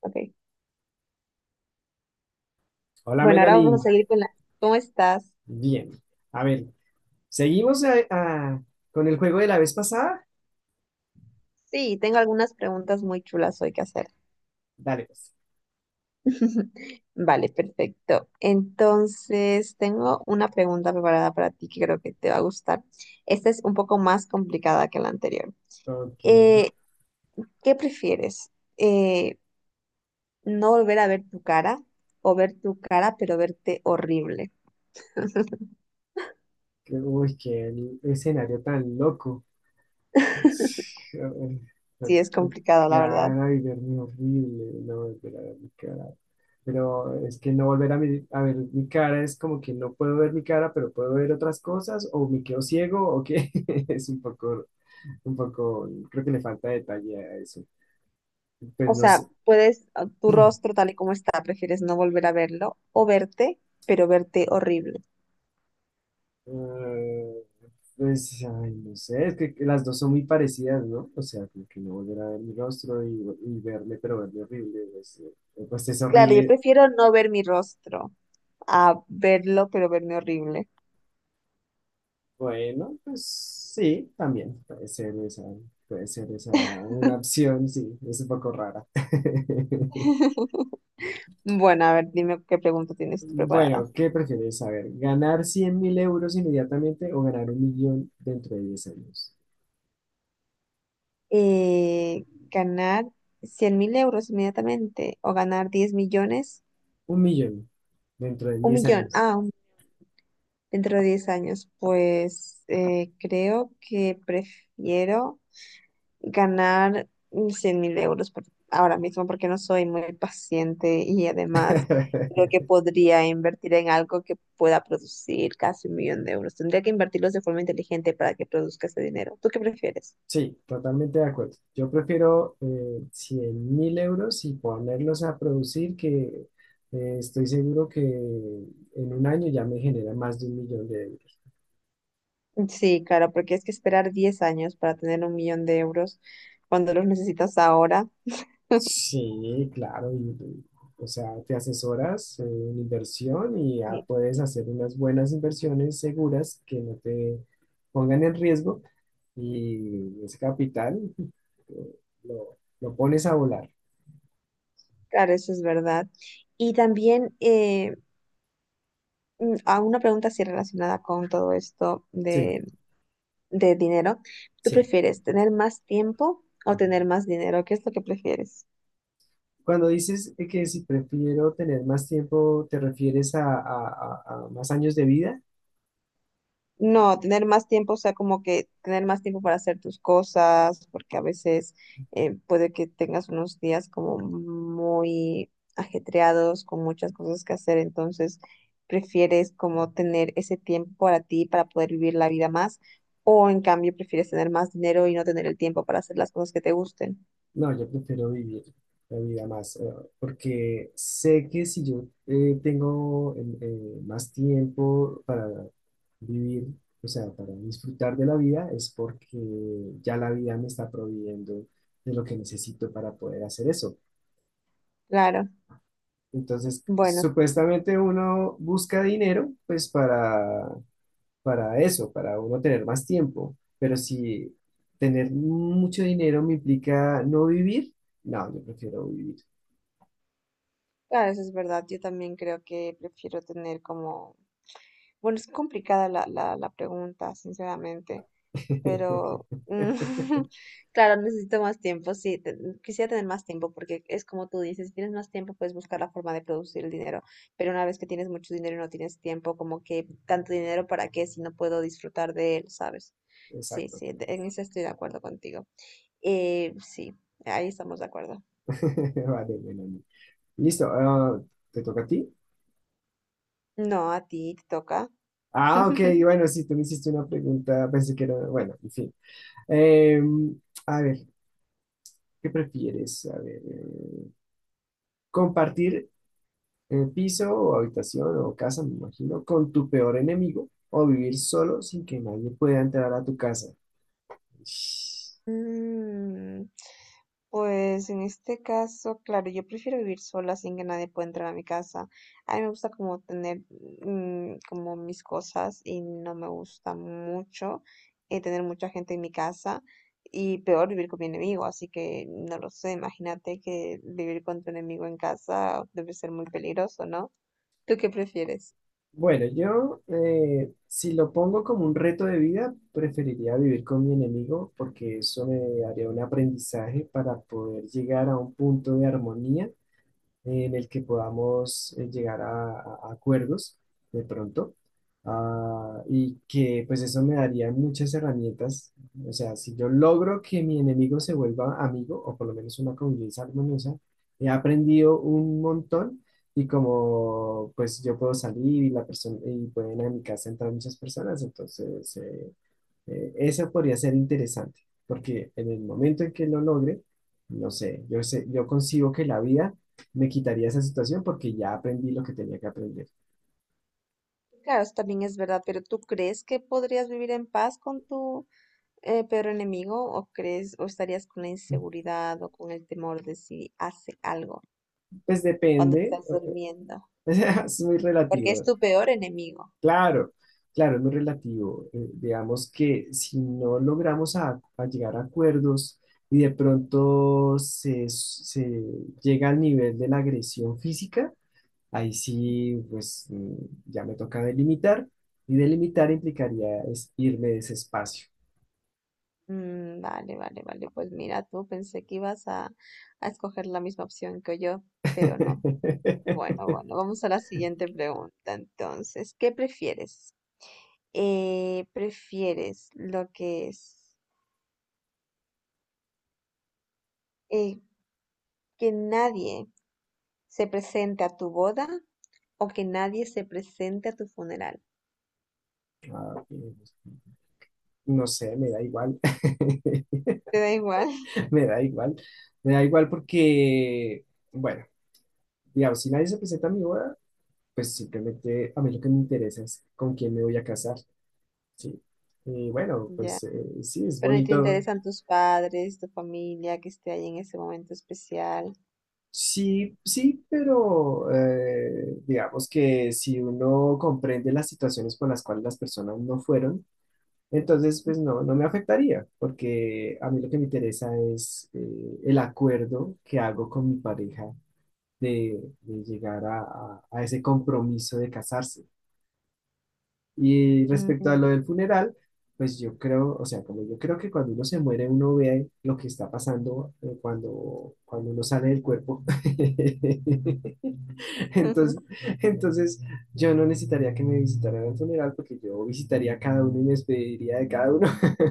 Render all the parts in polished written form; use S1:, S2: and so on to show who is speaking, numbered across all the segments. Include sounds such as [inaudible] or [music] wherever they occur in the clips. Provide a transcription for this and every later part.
S1: Ok.
S2: Hola,
S1: Bueno, ahora vamos a
S2: Melanie.
S1: seguir con la. ¿Cómo estás?
S2: Bien. A ver, ¿seguimos con el juego de la vez pasada?
S1: Sí, tengo algunas preguntas muy chulas hoy que hacer.
S2: Dale, pues.
S1: [laughs] Vale, perfecto. Entonces, tengo una pregunta preparada para ti que creo que te va a gustar. Esta es un poco más complicada que la anterior.
S2: Ok.
S1: Eh, ¿Qué prefieres? Eh, ¿No volver a ver tu cara o ver tu cara pero verte horrible?
S2: Uy, qué escenario tan loco.
S1: [laughs] Sí, es complicado, la verdad.
S2: Cara, y ver mi horrible. No volver a ver mi cara. Pero es que no volver a ver mi cara es como que no puedo ver mi cara, pero puedo ver otras cosas, o me quedo ciego, o qué. [laughs] Es un poco, creo que le falta detalle a eso. Pues
S1: O
S2: no
S1: sea,
S2: sé.
S1: puedes, tu rostro tal y como está, prefieres no volver a verlo o verte, pero verte horrible.
S2: Eh, pues, ay, no sé, es que las dos son muy parecidas, ¿no? O sea, como que no volver a ver mi rostro y verme, pero verme horrible, pues, pues es
S1: Claro, yo
S2: horrible.
S1: prefiero no ver mi rostro a verlo, pero verme horrible.
S2: Bueno, pues sí, también puede ser esa una opción, sí, es un poco rara. [laughs]
S1: Bueno, a ver, dime qué pregunta tienes tú preparada.
S2: Bueno, ¿qué prefieres saber? ¿Ganar 100.000 euros inmediatamente o ganar un millón dentro de 10 años?
S1: Eh, ¿Ganar 100.000 euros inmediatamente o ganar 10 millones?
S2: Un millón dentro de
S1: Un
S2: 10
S1: millón,
S2: años.
S1: dentro de 10 años. Pues creo que prefiero ganar 100.000 euros ahora mismo porque no soy muy paciente y además creo
S2: [laughs]
S1: que podría invertir en algo que pueda producir casi 1 millón de euros. Tendría que invertirlos de forma inteligente para que produzca ese dinero. ¿Tú qué prefieres?
S2: Sí, totalmente de acuerdo. Yo prefiero 100 mil euros y ponerlos a producir, que estoy seguro que en un año ya me genera más de un millón de euros.
S1: Sí, claro, porque es que esperar 10 años para tener 1 millón de euros cuando los necesitas ahora,
S2: Sí, claro. O sea, te asesoras en inversión y ya
S1: eh,
S2: puedes hacer unas buenas inversiones seguras que no te pongan en riesgo, y ese capital, eh, lo pones a volar.
S1: claro, eso es verdad. Y también a una pregunta así relacionada con todo esto
S2: Sí,
S1: de dinero, ¿tú
S2: sí.
S1: prefieres tener más tiempo o tener más dinero? ¿Qué es lo que prefieres?
S2: Cuando dices, que si prefiero tener más tiempo, ¿te refieres a más años de vida?
S1: No, tener más tiempo, o sea, como que tener más tiempo para hacer tus cosas, porque a veces puede que tengas unos días como muy ajetreados, con muchas cosas que hacer, entonces prefieres como tener ese tiempo para ti, para poder vivir la vida más, o en cambio prefieres tener más dinero y no tener el tiempo para hacer las cosas que te gusten.
S2: No, yo prefiero vivir la vida más. Porque sé que si yo, tengo, más tiempo para vivir, o sea, para disfrutar de la vida, es porque ya la vida me está proveyendo de lo que necesito para poder hacer eso.
S1: Claro.
S2: Entonces,
S1: Bueno.
S2: supuestamente uno busca dinero, pues para eso, para uno tener más tiempo. Pero si tener mucho dinero me implica no vivir, no, yo prefiero vivir.
S1: Claro, eso es verdad. Yo también creo que prefiero tener como. Bueno, es complicada la pregunta, sinceramente, pero [laughs]
S2: [laughs]
S1: claro, necesito más tiempo, sí, quisiera tener más tiempo porque es como tú dices, si tienes más tiempo puedes buscar la forma de producir el dinero, pero una vez que tienes mucho dinero y no tienes tiempo, como que tanto dinero para qué si no puedo disfrutar de él, ¿sabes? Sí,
S2: Exacto.
S1: sí, en eso estoy de acuerdo contigo. Sí, ahí estamos de acuerdo.
S2: [laughs] Vale, bueno. Listo. ¿Te toca a ti?
S1: No, a ti te toca.
S2: Ah, ok, bueno, sí, tú me hiciste una pregunta, pensé que era, bueno, en fin. Em, a ver, ¿qué prefieres? A ver, compartir, piso o habitación o casa, me imagino, con tu peor enemigo, o vivir solo sin que nadie pueda entrar a tu casa. Ish.
S1: Mm, Pues en este caso, claro, yo prefiero vivir sola sin que nadie pueda entrar a mi casa. A mí me gusta como tener como mis cosas y no me gusta mucho tener mucha gente en mi casa y peor vivir con mi enemigo, así que no lo sé, imagínate que vivir con tu enemigo en casa debe ser muy peligroso, ¿no? ¿Tú qué prefieres?
S2: Bueno, yo, si lo pongo como un reto de vida, preferiría vivir con mi enemigo, porque eso me daría un aprendizaje para poder llegar a un punto de armonía en el que podamos, llegar a acuerdos de pronto. Y que pues eso me daría muchas herramientas. O sea, si yo logro que mi enemigo se vuelva amigo, o por lo menos una convivencia armoniosa, he aprendido un montón, y como pues yo puedo salir y la persona y pueden a mi casa entrar muchas personas, entonces eso podría ser interesante, porque en el momento en que lo logre, no sé, yo sé, yo concibo que la vida me quitaría esa situación porque ya aprendí lo que tenía que aprender.
S1: Claro, eso también es verdad, pero ¿tú crees que podrías vivir en paz con tu enemigo, o crees, o estarías con la inseguridad o con el temor de si hace algo
S2: Pues
S1: cuando
S2: depende.
S1: estás durmiendo,
S2: [laughs] O sea, es muy
S1: porque es
S2: relativo.
S1: tu peor enemigo.
S2: Claro, claro, es muy relativo. Digamos que si no logramos a llegar a acuerdos y de pronto se llega al nivel de la agresión física. Ahí sí, pues ya me toca delimitar, y delimitar implicaría es irme de ese espacio.
S1: Mm, vale, vale, vale. Pues mira, tú pensé que ibas a escoger la misma opción que yo, pero no. Bueno,
S2: [laughs]
S1: bueno, vamos a la siguiente pregunta. Entonces, ¿qué prefieres? ¿Prefieres lo que es, eh, que nadie se presente a tu boda o que nadie se presente a tu funeral?
S2: Ah, ok, pues, no sé, me da igual.
S1: Te
S2: [laughs]
S1: da igual, [laughs]
S2: Me da igual. Me da igual porque, bueno, digamos, si nadie se presenta a mi boda, pues simplemente a mí lo que me interesa es con quién me voy a casar, ¿sí? Y bueno,
S1: ya.
S2: pues, sí, es
S1: Pero ni te
S2: bonito.
S1: interesan tus padres, tu familia que esté ahí en ese momento especial.
S2: Sí, sí, pero, digamos que si uno comprende las situaciones por las cuales las personas no fueron, entonces pues no, no me afectaría, porque a mí lo que me interesa es, el acuerdo que hago con mi pareja, de llegar a ese compromiso de casarse. Y respecto a lo del
S1: Mm.
S2: funeral, pues yo creo, o sea, como yo creo que cuando uno se muere, uno ve lo que está pasando, cuando uno sale del cuerpo. [laughs] Entonces,
S1: [laughs]
S2: entonces, yo no necesitaría que me visitaran al funeral, porque yo visitaría a cada uno y me despediría de cada uno. [laughs]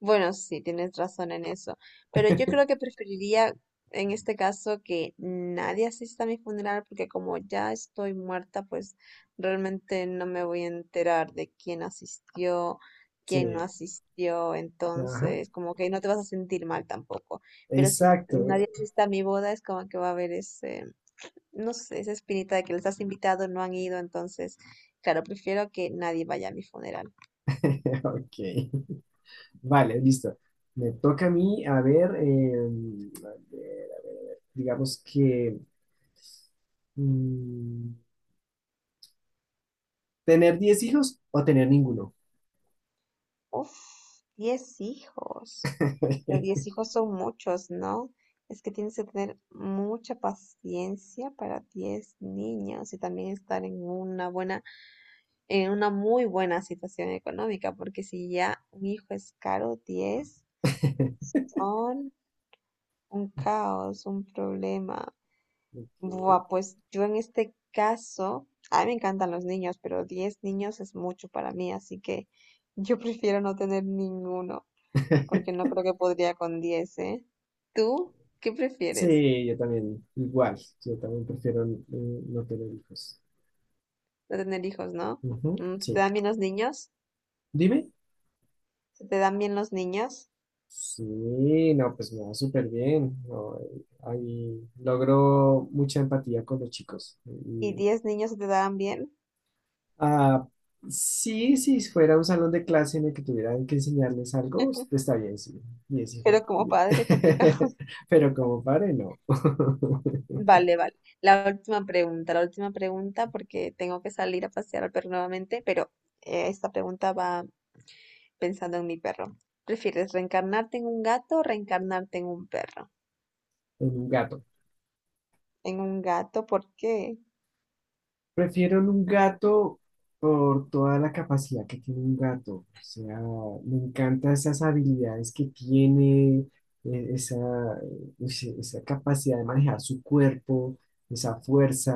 S1: Bueno, sí, tienes razón en eso. Pero yo creo que preferiría en este caso que nadie asista a mi funeral porque como ya estoy muerta, pues realmente no me voy a enterar de quién asistió, quién no
S2: Sí,
S1: asistió.
S2: ajá,
S1: Entonces, como que no te vas a sentir mal tampoco. Pero si
S2: exacto.
S1: nadie asiste a mi boda, es como que va a haber ese, no sé, esa espinita de que les has invitado, no han ido, entonces, claro, prefiero que nadie vaya a mi funeral.
S2: [laughs] Ok, vale, listo. Me toca a mí, a ver. Digamos que, mm, ¿tener 10 hijos o tener ninguno?
S1: Uf, 10 hijos. Pero 10
S2: [laughs]
S1: hijos son muchos, ¿no? Es que tienes que tener mucha paciencia para 10 niños y también estar en una buena, en una muy buena situación económica, porque si ya un hijo es caro, 10 son un caos, un problema.
S2: Ok.
S1: Buah, pues yo en este caso, a mí me encantan los niños, pero 10 niños es mucho para mí, así que yo prefiero no tener ninguno, porque no creo que podría con 10, ¿eh? ¿Tú qué prefieres?
S2: Sí, yo también, igual, yo también prefiero, no tener hijos.
S1: No tener hijos, ¿no?
S2: Ujú,
S1: ¿Se te
S2: sí.
S1: dan bien los niños?
S2: Dime.
S1: ¿Se te dan bien los niños?
S2: Sí, no, pues me va súper bien. No, ahí logro mucha empatía con los chicos.
S1: ¿Y
S2: Y,
S1: 10 niños se te dan bien?
S2: ah, sí, si fuera un salón de clase en el que tuvieran que enseñarles algo, está bien, sí. Y es.
S1: Pero como padre, complicado.
S2: [laughs]
S1: [laughs]
S2: Pero como padre, no. [laughs]
S1: Vale, vale. La última pregunta, porque tengo que salir a pasear al perro nuevamente, pero esta pregunta va pensando en mi perro. ¿Prefieres reencarnarte en un gato o reencarnarte en un perro?
S2: Es un gato.
S1: En un gato, ¿por qué?
S2: Prefiero en un gato por toda la capacidad que tiene un gato. O sea, me encantan esas habilidades que tiene, eh, esa, esa capacidad de manejar su cuerpo, esa fuerza,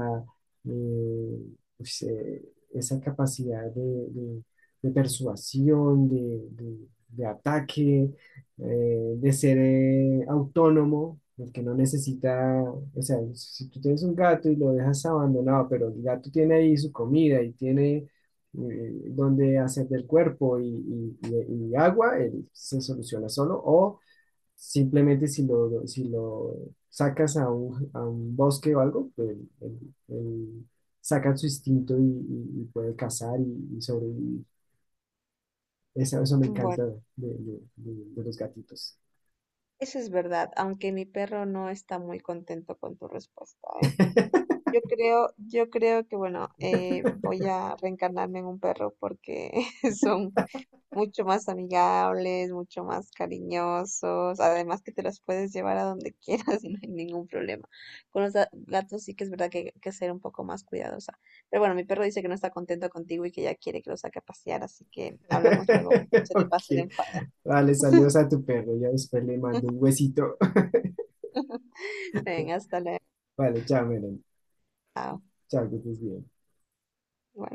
S2: eh, pues, eh, esa capacidad de- de persuasión, de ataque, de ser, autónomo, el que no necesita. O sea, si tú tienes un gato y lo dejas abandonado, pero el gato tiene ahí su comida y tiene, donde hacer del cuerpo y agua, él se soluciona solo. O simplemente, si lo, si lo sacas a un bosque o algo, pues él saca su instinto y puede cazar y sobrevivir. Eso me
S1: Bueno,
S2: encanta de los gatitos.
S1: eso es verdad, aunque mi perro no está muy contento con tu respuesta, ¿eh?
S2: [laughs]
S1: Yo creo que, bueno,
S2: [laughs]
S1: voy a reencarnarme en un perro porque [laughs] son mucho más amigables, mucho más cariñosos, además que te los puedes llevar a donde quieras [laughs] y no hay ningún problema. Con los gatos sí que es verdad que hay que ser un poco más cuidadosa. Pero bueno, mi perro dice que no está contento contigo y que ya quiere que lo saque a pasear, así que hablamos luego cuando se le
S2: Ok,
S1: pase el enfado.
S2: vale, saludos
S1: [laughs]
S2: a tu perro. Ya después le mando un huesito. [laughs]
S1: Venga, hasta luego.
S2: Vale, chao, Melanie.
S1: Chao.
S2: Chao, que estés bien.